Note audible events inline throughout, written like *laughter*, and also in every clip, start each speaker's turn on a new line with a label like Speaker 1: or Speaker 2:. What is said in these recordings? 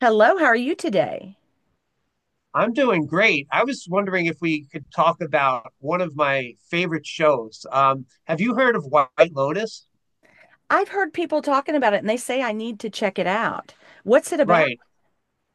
Speaker 1: Hello, how are you today?
Speaker 2: I'm doing great. I was wondering if we could talk about one of my favorite shows. Have you heard of White Lotus?
Speaker 1: I've heard people talking about it and they say I need to check it out. What's it about?
Speaker 2: Right.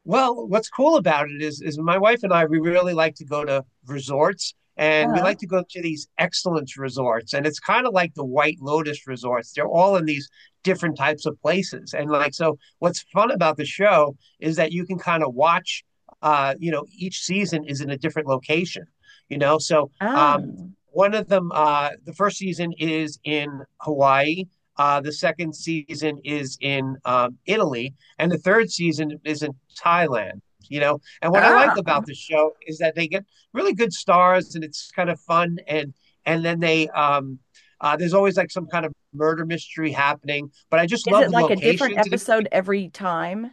Speaker 2: Well, what's cool about it is my wife and I we really like to go to resorts, and we
Speaker 1: Uh-huh.
Speaker 2: like to go to these excellence resorts, and it's kind of like the White Lotus resorts. They're all in these different types of places. And like so what's fun about the show is that you can kind of watch each season is in a different location, you know? So
Speaker 1: Oh,
Speaker 2: one of them the first season is in Hawaii. The second season is in Italy, and the third season is in Thailand, you know. And what I like
Speaker 1: oh.
Speaker 2: about the show is that they get really good stars, and it's kind of fun. And then they There's always like some kind of murder mystery happening, but I just
Speaker 1: Is
Speaker 2: love
Speaker 1: it
Speaker 2: the
Speaker 1: like a different
Speaker 2: locations and it
Speaker 1: episode every time?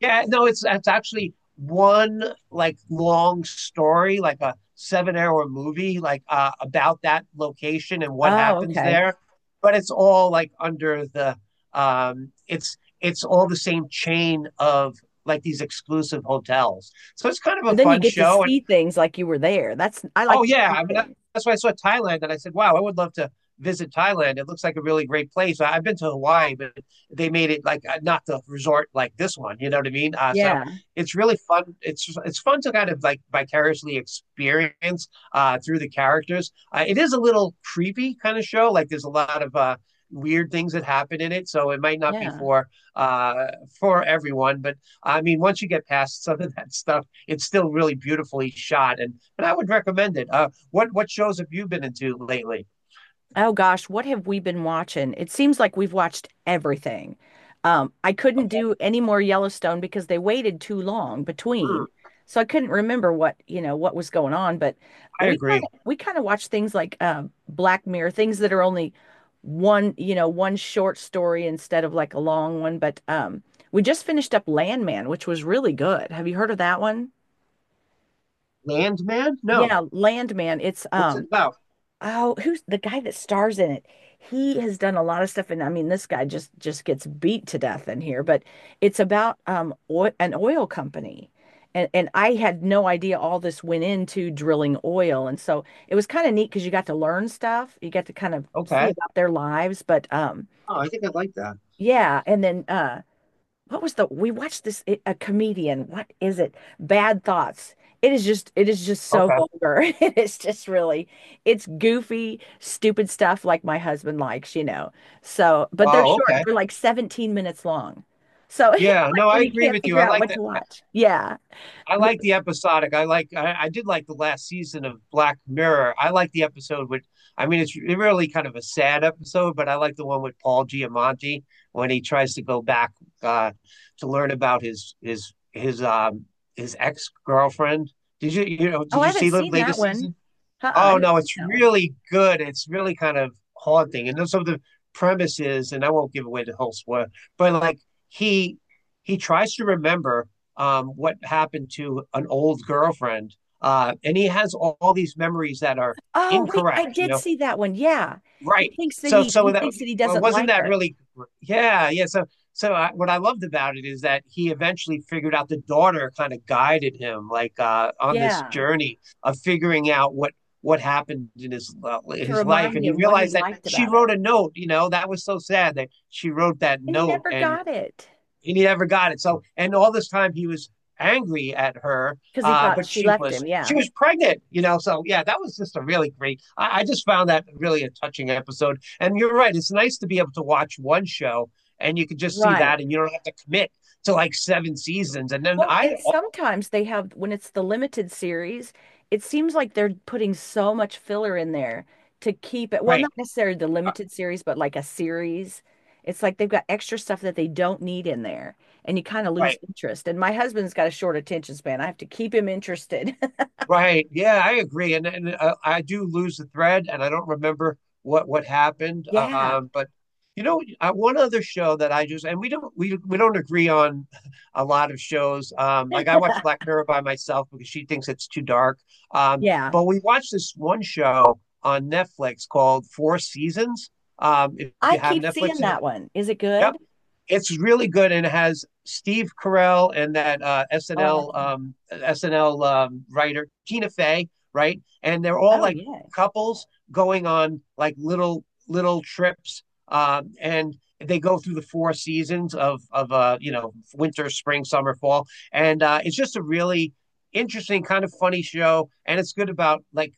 Speaker 2: yeah, no, it's actually one like long story, like a 7 hour movie, like about that location and what
Speaker 1: Oh,
Speaker 2: happens
Speaker 1: okay.
Speaker 2: there. But it's all like under the it's all the same chain of like these exclusive hotels. So it's kind of
Speaker 1: So
Speaker 2: a
Speaker 1: then you
Speaker 2: fun
Speaker 1: get to
Speaker 2: show, and
Speaker 1: see things like you were there. That's, I like
Speaker 2: oh
Speaker 1: to
Speaker 2: yeah,
Speaker 1: see
Speaker 2: I mean
Speaker 1: things.
Speaker 2: that's why I saw Thailand and I said, wow, I would love to visit Thailand. It looks like a really great place. I've been to Hawaii, but they made it like not the resort like this one. You know what I mean? So
Speaker 1: Yeah,
Speaker 2: it's really fun. It's fun to kind of like vicariously experience through the characters. It is a little creepy kind of show. Like there's a lot of weird things that happen in it, so it might not be
Speaker 1: yeah.
Speaker 2: uh, for everyone. But I mean, once you get past some of that stuff, it's still really beautifully shot, and I would recommend it. What shows have you been into lately?
Speaker 1: Oh gosh, what have we been watching? It seems like we've watched everything. I couldn't
Speaker 2: Okay.
Speaker 1: do any more Yellowstone because they waited too long between.
Speaker 2: Mm.
Speaker 1: So I couldn't remember what, you know, what was going on, but
Speaker 2: I
Speaker 1: we kind
Speaker 2: agree.
Speaker 1: of we kind of watch things like Black Mirror, things that are only one, you know, one short story instead of like a long one, but we just finished up Landman, which was really good. Have you heard of that one?
Speaker 2: Landman? No.
Speaker 1: Yeah, Landman. It's
Speaker 2: What's it
Speaker 1: um
Speaker 2: about?
Speaker 1: Oh, who's the guy that stars in it? He has done a lot of stuff, and I mean, this guy just gets beat to death in here. But it's about oil, an oil company, and I had no idea all this went into drilling oil, and so it was kind of neat because you got to learn stuff, you got to kind of see
Speaker 2: Okay.
Speaker 1: about their lives. But
Speaker 2: Oh, I think I like that.
Speaker 1: Yeah, and then what was the we watched this it, a comedian. What is it? Bad Thoughts. It is just so
Speaker 2: Okay.
Speaker 1: vulgar. *laughs* It is just really it's goofy, stupid stuff like my husband likes, you know. So, but they're
Speaker 2: Oh,
Speaker 1: short.
Speaker 2: okay.
Speaker 1: They're like 17 minutes long. So *laughs* it's
Speaker 2: Yeah.
Speaker 1: like
Speaker 2: No, I
Speaker 1: when you
Speaker 2: agree
Speaker 1: can't
Speaker 2: with you.
Speaker 1: figure
Speaker 2: I
Speaker 1: out
Speaker 2: like
Speaker 1: what
Speaker 2: that.
Speaker 1: to watch. Yeah.
Speaker 2: I like
Speaker 1: W-
Speaker 2: the episodic. I did like the last season of Black Mirror. I like the episode with I mean it's really kind of a sad episode, but I like the one with Paul Giamatti when he tries to go back uh to learn about his his ex girlfriend. Did you you know
Speaker 1: Oh,
Speaker 2: did
Speaker 1: I
Speaker 2: you
Speaker 1: haven't
Speaker 2: see the
Speaker 1: seen that
Speaker 2: latest
Speaker 1: one.
Speaker 2: season?
Speaker 1: Uh-uh, I
Speaker 2: Oh
Speaker 1: haven't
Speaker 2: no,
Speaker 1: seen
Speaker 2: it's
Speaker 1: that one.
Speaker 2: really good. It's really kind of haunting. And then some of the premises, and I won't give away the whole spoiler, but like he he tries to remember what happened to an old girlfriend. And he has all these memories that are
Speaker 1: Oh, wait, I
Speaker 2: incorrect. You
Speaker 1: did
Speaker 2: know.
Speaker 1: see that one. Yeah. He
Speaker 2: Right.
Speaker 1: thinks that
Speaker 2: So
Speaker 1: he
Speaker 2: so
Speaker 1: he
Speaker 2: that
Speaker 1: thinks that he
Speaker 2: well,
Speaker 1: doesn't
Speaker 2: wasn't
Speaker 1: like
Speaker 2: that
Speaker 1: her.
Speaker 2: really yeah, yeah. So so I, What I loved about it is that he eventually figured out the daughter kind of guided him like on this
Speaker 1: Yeah.
Speaker 2: journey of figuring out what happened in
Speaker 1: To
Speaker 2: his life,
Speaker 1: remind
Speaker 2: and he
Speaker 1: him what he
Speaker 2: realized that
Speaker 1: liked
Speaker 2: she
Speaker 1: about
Speaker 2: wrote
Speaker 1: her.
Speaker 2: a note, you know, that was so sad that she wrote that
Speaker 1: And he
Speaker 2: note,
Speaker 1: never got it
Speaker 2: and he never got it. So, and all this time he was angry at her,
Speaker 1: because he thought
Speaker 2: but
Speaker 1: she
Speaker 2: she
Speaker 1: left
Speaker 2: was
Speaker 1: him.
Speaker 2: she
Speaker 1: Yeah,
Speaker 2: was pregnant, you know. So yeah, that was just a really great. I just found that really a touching episode. And you're right; it's nice to be able to watch one show, and you can just see
Speaker 1: right.
Speaker 2: that, and you don't have to commit to like seven seasons. And then
Speaker 1: Well,
Speaker 2: I,
Speaker 1: and
Speaker 2: oh,
Speaker 1: sometimes they have, when it's the limited series, it seems like they're putting so much filler in there to keep it. Well,
Speaker 2: right,
Speaker 1: not necessarily the limited series, but like a series. It's like they've got extra stuff that they don't need in there, and you kind of lose
Speaker 2: right.
Speaker 1: interest. And my husband's got a short attention span. I have to keep him interested. *laughs*
Speaker 2: Right. Yeah, I agree. And I do lose the thread, and I don't remember what happened.
Speaker 1: Yeah,
Speaker 2: But you know, one other show that I just, and we don't agree on *laughs* a lot of shows. Like I watch Black Mirror by myself because she thinks it's too dark.
Speaker 1: yeah.
Speaker 2: But we watched this one show on Netflix called Four Seasons. If
Speaker 1: I
Speaker 2: you have
Speaker 1: keep seeing
Speaker 2: Netflix, and
Speaker 1: that one. Is it good?
Speaker 2: yep, it's really good, and it has Steve Carell and that
Speaker 1: Oh, I
Speaker 2: SNL
Speaker 1: like him.
Speaker 2: SNL writer Tina Fey, right? And they're all
Speaker 1: Oh,
Speaker 2: like
Speaker 1: yeah.
Speaker 2: couples going on like little trips, and they go through the four seasons of you know, winter, spring, summer, fall, and it's just a really interesting kind of funny show, and it's good about like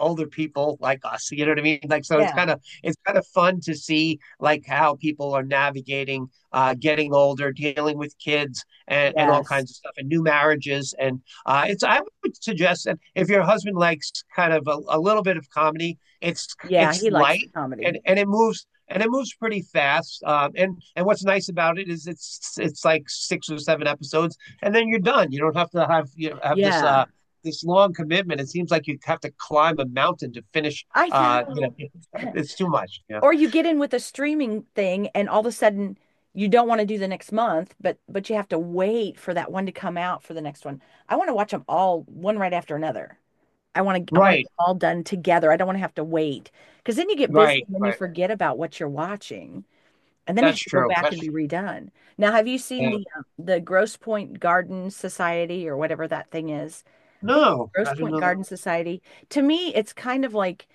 Speaker 2: older people like us, you know what I mean, like so it's kind
Speaker 1: Yeah.
Speaker 2: of fun to see like how people are navigating getting older, dealing with kids, and all
Speaker 1: Yes.
Speaker 2: kinds of stuff, and new marriages. And it's I would suggest that if your husband likes kind of a little bit of comedy, it's
Speaker 1: Yeah,
Speaker 2: it's
Speaker 1: he likes the
Speaker 2: light,
Speaker 1: comedy.
Speaker 2: and it moves pretty fast. And what's nice about it is it's like six or seven episodes, and then you're done. You don't have to have, you know, have this
Speaker 1: Yeah,
Speaker 2: this long commitment. It seems like you have to climb a mountain to finish.
Speaker 1: I
Speaker 2: You know,
Speaker 1: know.
Speaker 2: *laughs*
Speaker 1: *laughs*
Speaker 2: it's too much. Yeah,
Speaker 1: Or you get in with a streaming thing and all of a sudden you don't want to do the next month, but you have to wait for that one to come out for the next one. I want to watch them all one right after another. I want to
Speaker 2: right,
Speaker 1: get all done together. I don't want to have to wait because then you get busy
Speaker 2: right,
Speaker 1: and then you
Speaker 2: right.
Speaker 1: forget about what you're watching. And then I
Speaker 2: That's
Speaker 1: have to go
Speaker 2: true.
Speaker 1: back and
Speaker 2: That's
Speaker 1: be redone. Now, have you
Speaker 2: yeah.
Speaker 1: seen the Grosse Point Garden Society or whatever that thing is? I
Speaker 2: No,
Speaker 1: think
Speaker 2: no,
Speaker 1: Grosse
Speaker 2: I didn't
Speaker 1: Point
Speaker 2: know that.
Speaker 1: Garden Society. To me, it's kind of like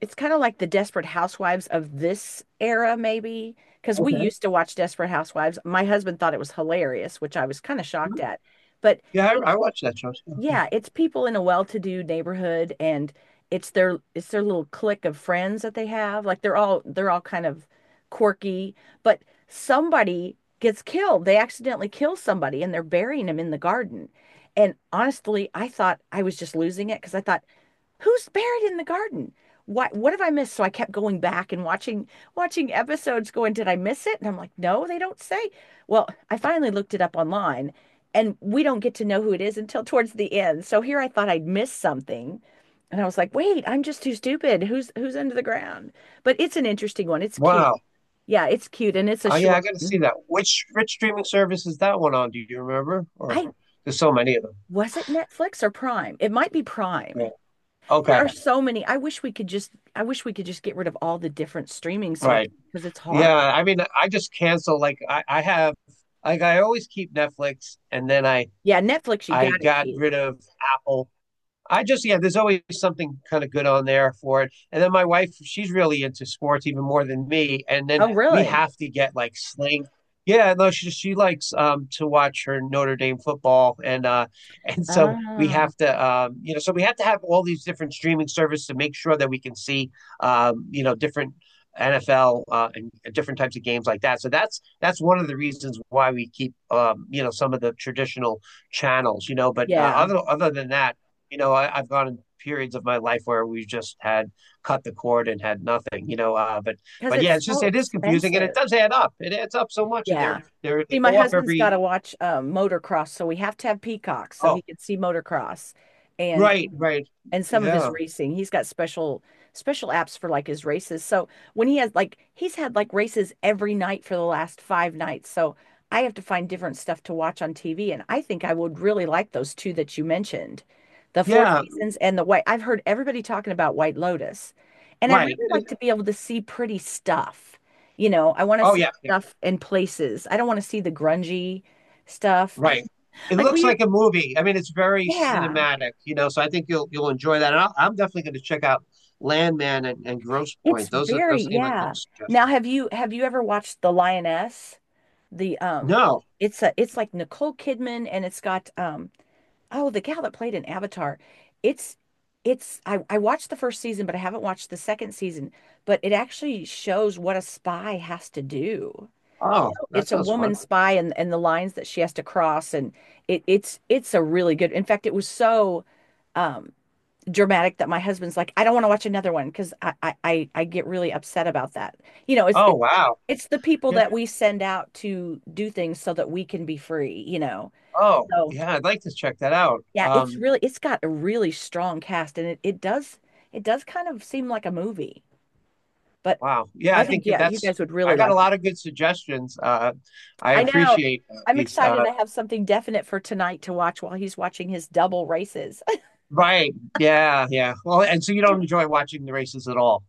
Speaker 1: it's kind of like the Desperate Housewives of this era, maybe, because we
Speaker 2: Okay.
Speaker 1: used to watch Desperate Housewives. My husband thought it was hilarious, which I was kind of
Speaker 2: Hmm.
Speaker 1: shocked at. But
Speaker 2: Yeah, I
Speaker 1: it's
Speaker 2: watched that show too. Yeah.
Speaker 1: yeah, it's people in a well-to-do neighborhood and it's their little clique of friends that they have. Like they're all kind of quirky, but somebody gets killed. They accidentally kill somebody and they're burying him in the garden. And honestly, I thought I was just losing it because I thought who's buried in the garden? What have I missed? So I kept going back and watching episodes going, did I miss it? And I'm like, no, they don't say. Well, I finally looked it up online and we don't get to know who it is until towards the end. So here I thought I'd missed something. And I was like, wait, I'm just too stupid. Who's who's under the ground? But it's an interesting one. It's cute.
Speaker 2: Wow.
Speaker 1: Yeah, it's cute and it's a
Speaker 2: Oh, yeah, I
Speaker 1: short
Speaker 2: gotta see
Speaker 1: one.
Speaker 2: that. Which streaming service is that one on? Do you remember? Or
Speaker 1: I
Speaker 2: there's so many of them.
Speaker 1: Was it Netflix or Prime? It might be Prime.
Speaker 2: Yeah.
Speaker 1: There
Speaker 2: Okay.
Speaker 1: are so many. I wish we could just I wish we could just get rid of all the different streaming services
Speaker 2: Right.
Speaker 1: because it's hard.
Speaker 2: Yeah. I mean, I just cancel. Like I have, like I always keep Netflix, and then I
Speaker 1: Yeah, Netflix you
Speaker 2: I
Speaker 1: gotta
Speaker 2: got
Speaker 1: keep.
Speaker 2: rid of Apple. I just Yeah, there's always something kind of good on there for it. And then my wife, she's really into sports even more than me. And then
Speaker 1: Oh,
Speaker 2: we
Speaker 1: really?
Speaker 2: have to get like sling. Yeah, no, she likes to watch her Notre Dame football, and *laughs* and so we
Speaker 1: Oh,
Speaker 2: have to so we have to have all these different streaming services to make sure that we can see different NFL and different types of games like that. So that's one of the reasons why we keep, some of the traditional channels, you know, but
Speaker 1: yeah.
Speaker 2: other than that, you know, I've gone in periods of my life where we just had cut the cord and had nothing, you know.
Speaker 1: Because
Speaker 2: But yeah,
Speaker 1: it's
Speaker 2: it's
Speaker 1: so
Speaker 2: just it is confusing, and it
Speaker 1: expensive.
Speaker 2: does add up. It adds up so much, and
Speaker 1: Yeah.
Speaker 2: they're
Speaker 1: See,
Speaker 2: they
Speaker 1: my
Speaker 2: go up
Speaker 1: husband's got
Speaker 2: every.
Speaker 1: to watch motocross, so we have to have Peacock so he
Speaker 2: Oh,
Speaker 1: can see motocross. And
Speaker 2: right, right,
Speaker 1: some of his
Speaker 2: yeah,
Speaker 1: racing. He's got special apps for like his races. So when he has like he's had like races every night for the last five nights. So I have to find different stuff to watch on TV. And I think I would really like those two that you mentioned, the Four
Speaker 2: yeah,
Speaker 1: Seasons and the White. I've heard everybody talking about White Lotus. And I
Speaker 2: right.
Speaker 1: really like to be able to see pretty stuff. You know, I want to
Speaker 2: Oh
Speaker 1: see
Speaker 2: yeah, yeah,
Speaker 1: stuff in places. I don't want to see the grungy stuff. *laughs*
Speaker 2: right. It
Speaker 1: Like
Speaker 2: looks
Speaker 1: we,
Speaker 2: like a movie. I mean, it's very
Speaker 1: yeah.
Speaker 2: cinematic, you know. So I think you'll enjoy that. And I'm definitely going to check out Landman and Gross
Speaker 1: It's
Speaker 2: Point. Those are,
Speaker 1: very,
Speaker 2: those seem like good
Speaker 1: yeah. Now,
Speaker 2: suggestions.
Speaker 1: have you ever watched The Lioness? The
Speaker 2: No.
Speaker 1: It's a it's like Nicole Kidman and it's got oh the gal that played in Avatar. It's it's I watched the first season, but I haven't watched the second season, but it actually shows what a spy has to do. You
Speaker 2: Oh,
Speaker 1: know,
Speaker 2: that
Speaker 1: it's a
Speaker 2: sounds
Speaker 1: woman
Speaker 2: fun.
Speaker 1: spy and the lines that she has to cross and it's a really good. In fact, it was so um dramatic that my husband's like, I don't want to watch another one because I get really upset about that. You know,
Speaker 2: Oh wow.
Speaker 1: it's the people
Speaker 2: Yeah.
Speaker 1: that we send out to do things so that we can be free. You know,
Speaker 2: Oh,
Speaker 1: so
Speaker 2: yeah, I'd like to check that out.
Speaker 1: yeah, it's really it's got a really strong cast and it does it does kind of seem like a movie, but
Speaker 2: Wow. Yeah,
Speaker 1: I
Speaker 2: I
Speaker 1: think
Speaker 2: think
Speaker 1: yeah, you
Speaker 2: that's
Speaker 1: guys would really
Speaker 2: I got a
Speaker 1: like it.
Speaker 2: lot of good suggestions. I
Speaker 1: I know.
Speaker 2: appreciate
Speaker 1: I'm
Speaker 2: these.
Speaker 1: excited. I have something definite for tonight to watch while he's watching his double races.
Speaker 2: Right. Yeah, yeah. Well, and so you don't
Speaker 1: *laughs*
Speaker 2: enjoy watching the races at all.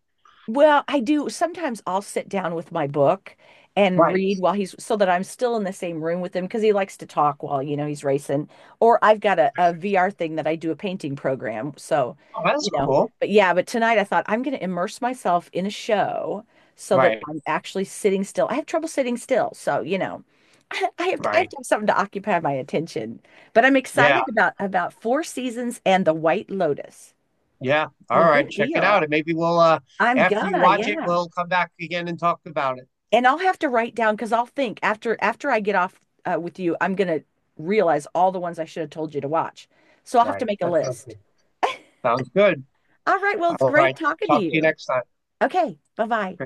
Speaker 1: Well, I do sometimes I'll sit down with my book and
Speaker 2: Right.
Speaker 1: read while he's so that I'm still in the same room with him because he likes to talk while, you know, he's racing. Or I've got a, VR thing that I do a painting program. So,
Speaker 2: Oh, that's
Speaker 1: you know,
Speaker 2: cool.
Speaker 1: but yeah, but tonight I thought I'm going to immerse myself in a show so that
Speaker 2: Right,
Speaker 1: I'm actually sitting still. I have trouble sitting still. So, you know, *laughs* I have to, I have
Speaker 2: right.
Speaker 1: to have something to occupy my attention. But I'm
Speaker 2: Yeah,
Speaker 1: excited about Four Seasons and The White Lotus.
Speaker 2: yeah. All
Speaker 1: Well,
Speaker 2: right,
Speaker 1: good
Speaker 2: check it
Speaker 1: deal.
Speaker 2: out. And maybe we'll
Speaker 1: I'm
Speaker 2: after you
Speaker 1: gonna,
Speaker 2: watch it,
Speaker 1: yeah.
Speaker 2: we'll come back again and talk about it.
Speaker 1: And I'll have to write down because I'll think after I get off with you, I'm gonna realize all the ones I should have told you to watch. So I'll have to
Speaker 2: Right.
Speaker 1: make a
Speaker 2: That sounds
Speaker 1: list.
Speaker 2: good. Sounds good.
Speaker 1: All right, well, it's
Speaker 2: All
Speaker 1: great
Speaker 2: right.
Speaker 1: talking to
Speaker 2: Talk to you
Speaker 1: you.
Speaker 2: next time.
Speaker 1: Okay, bye-bye.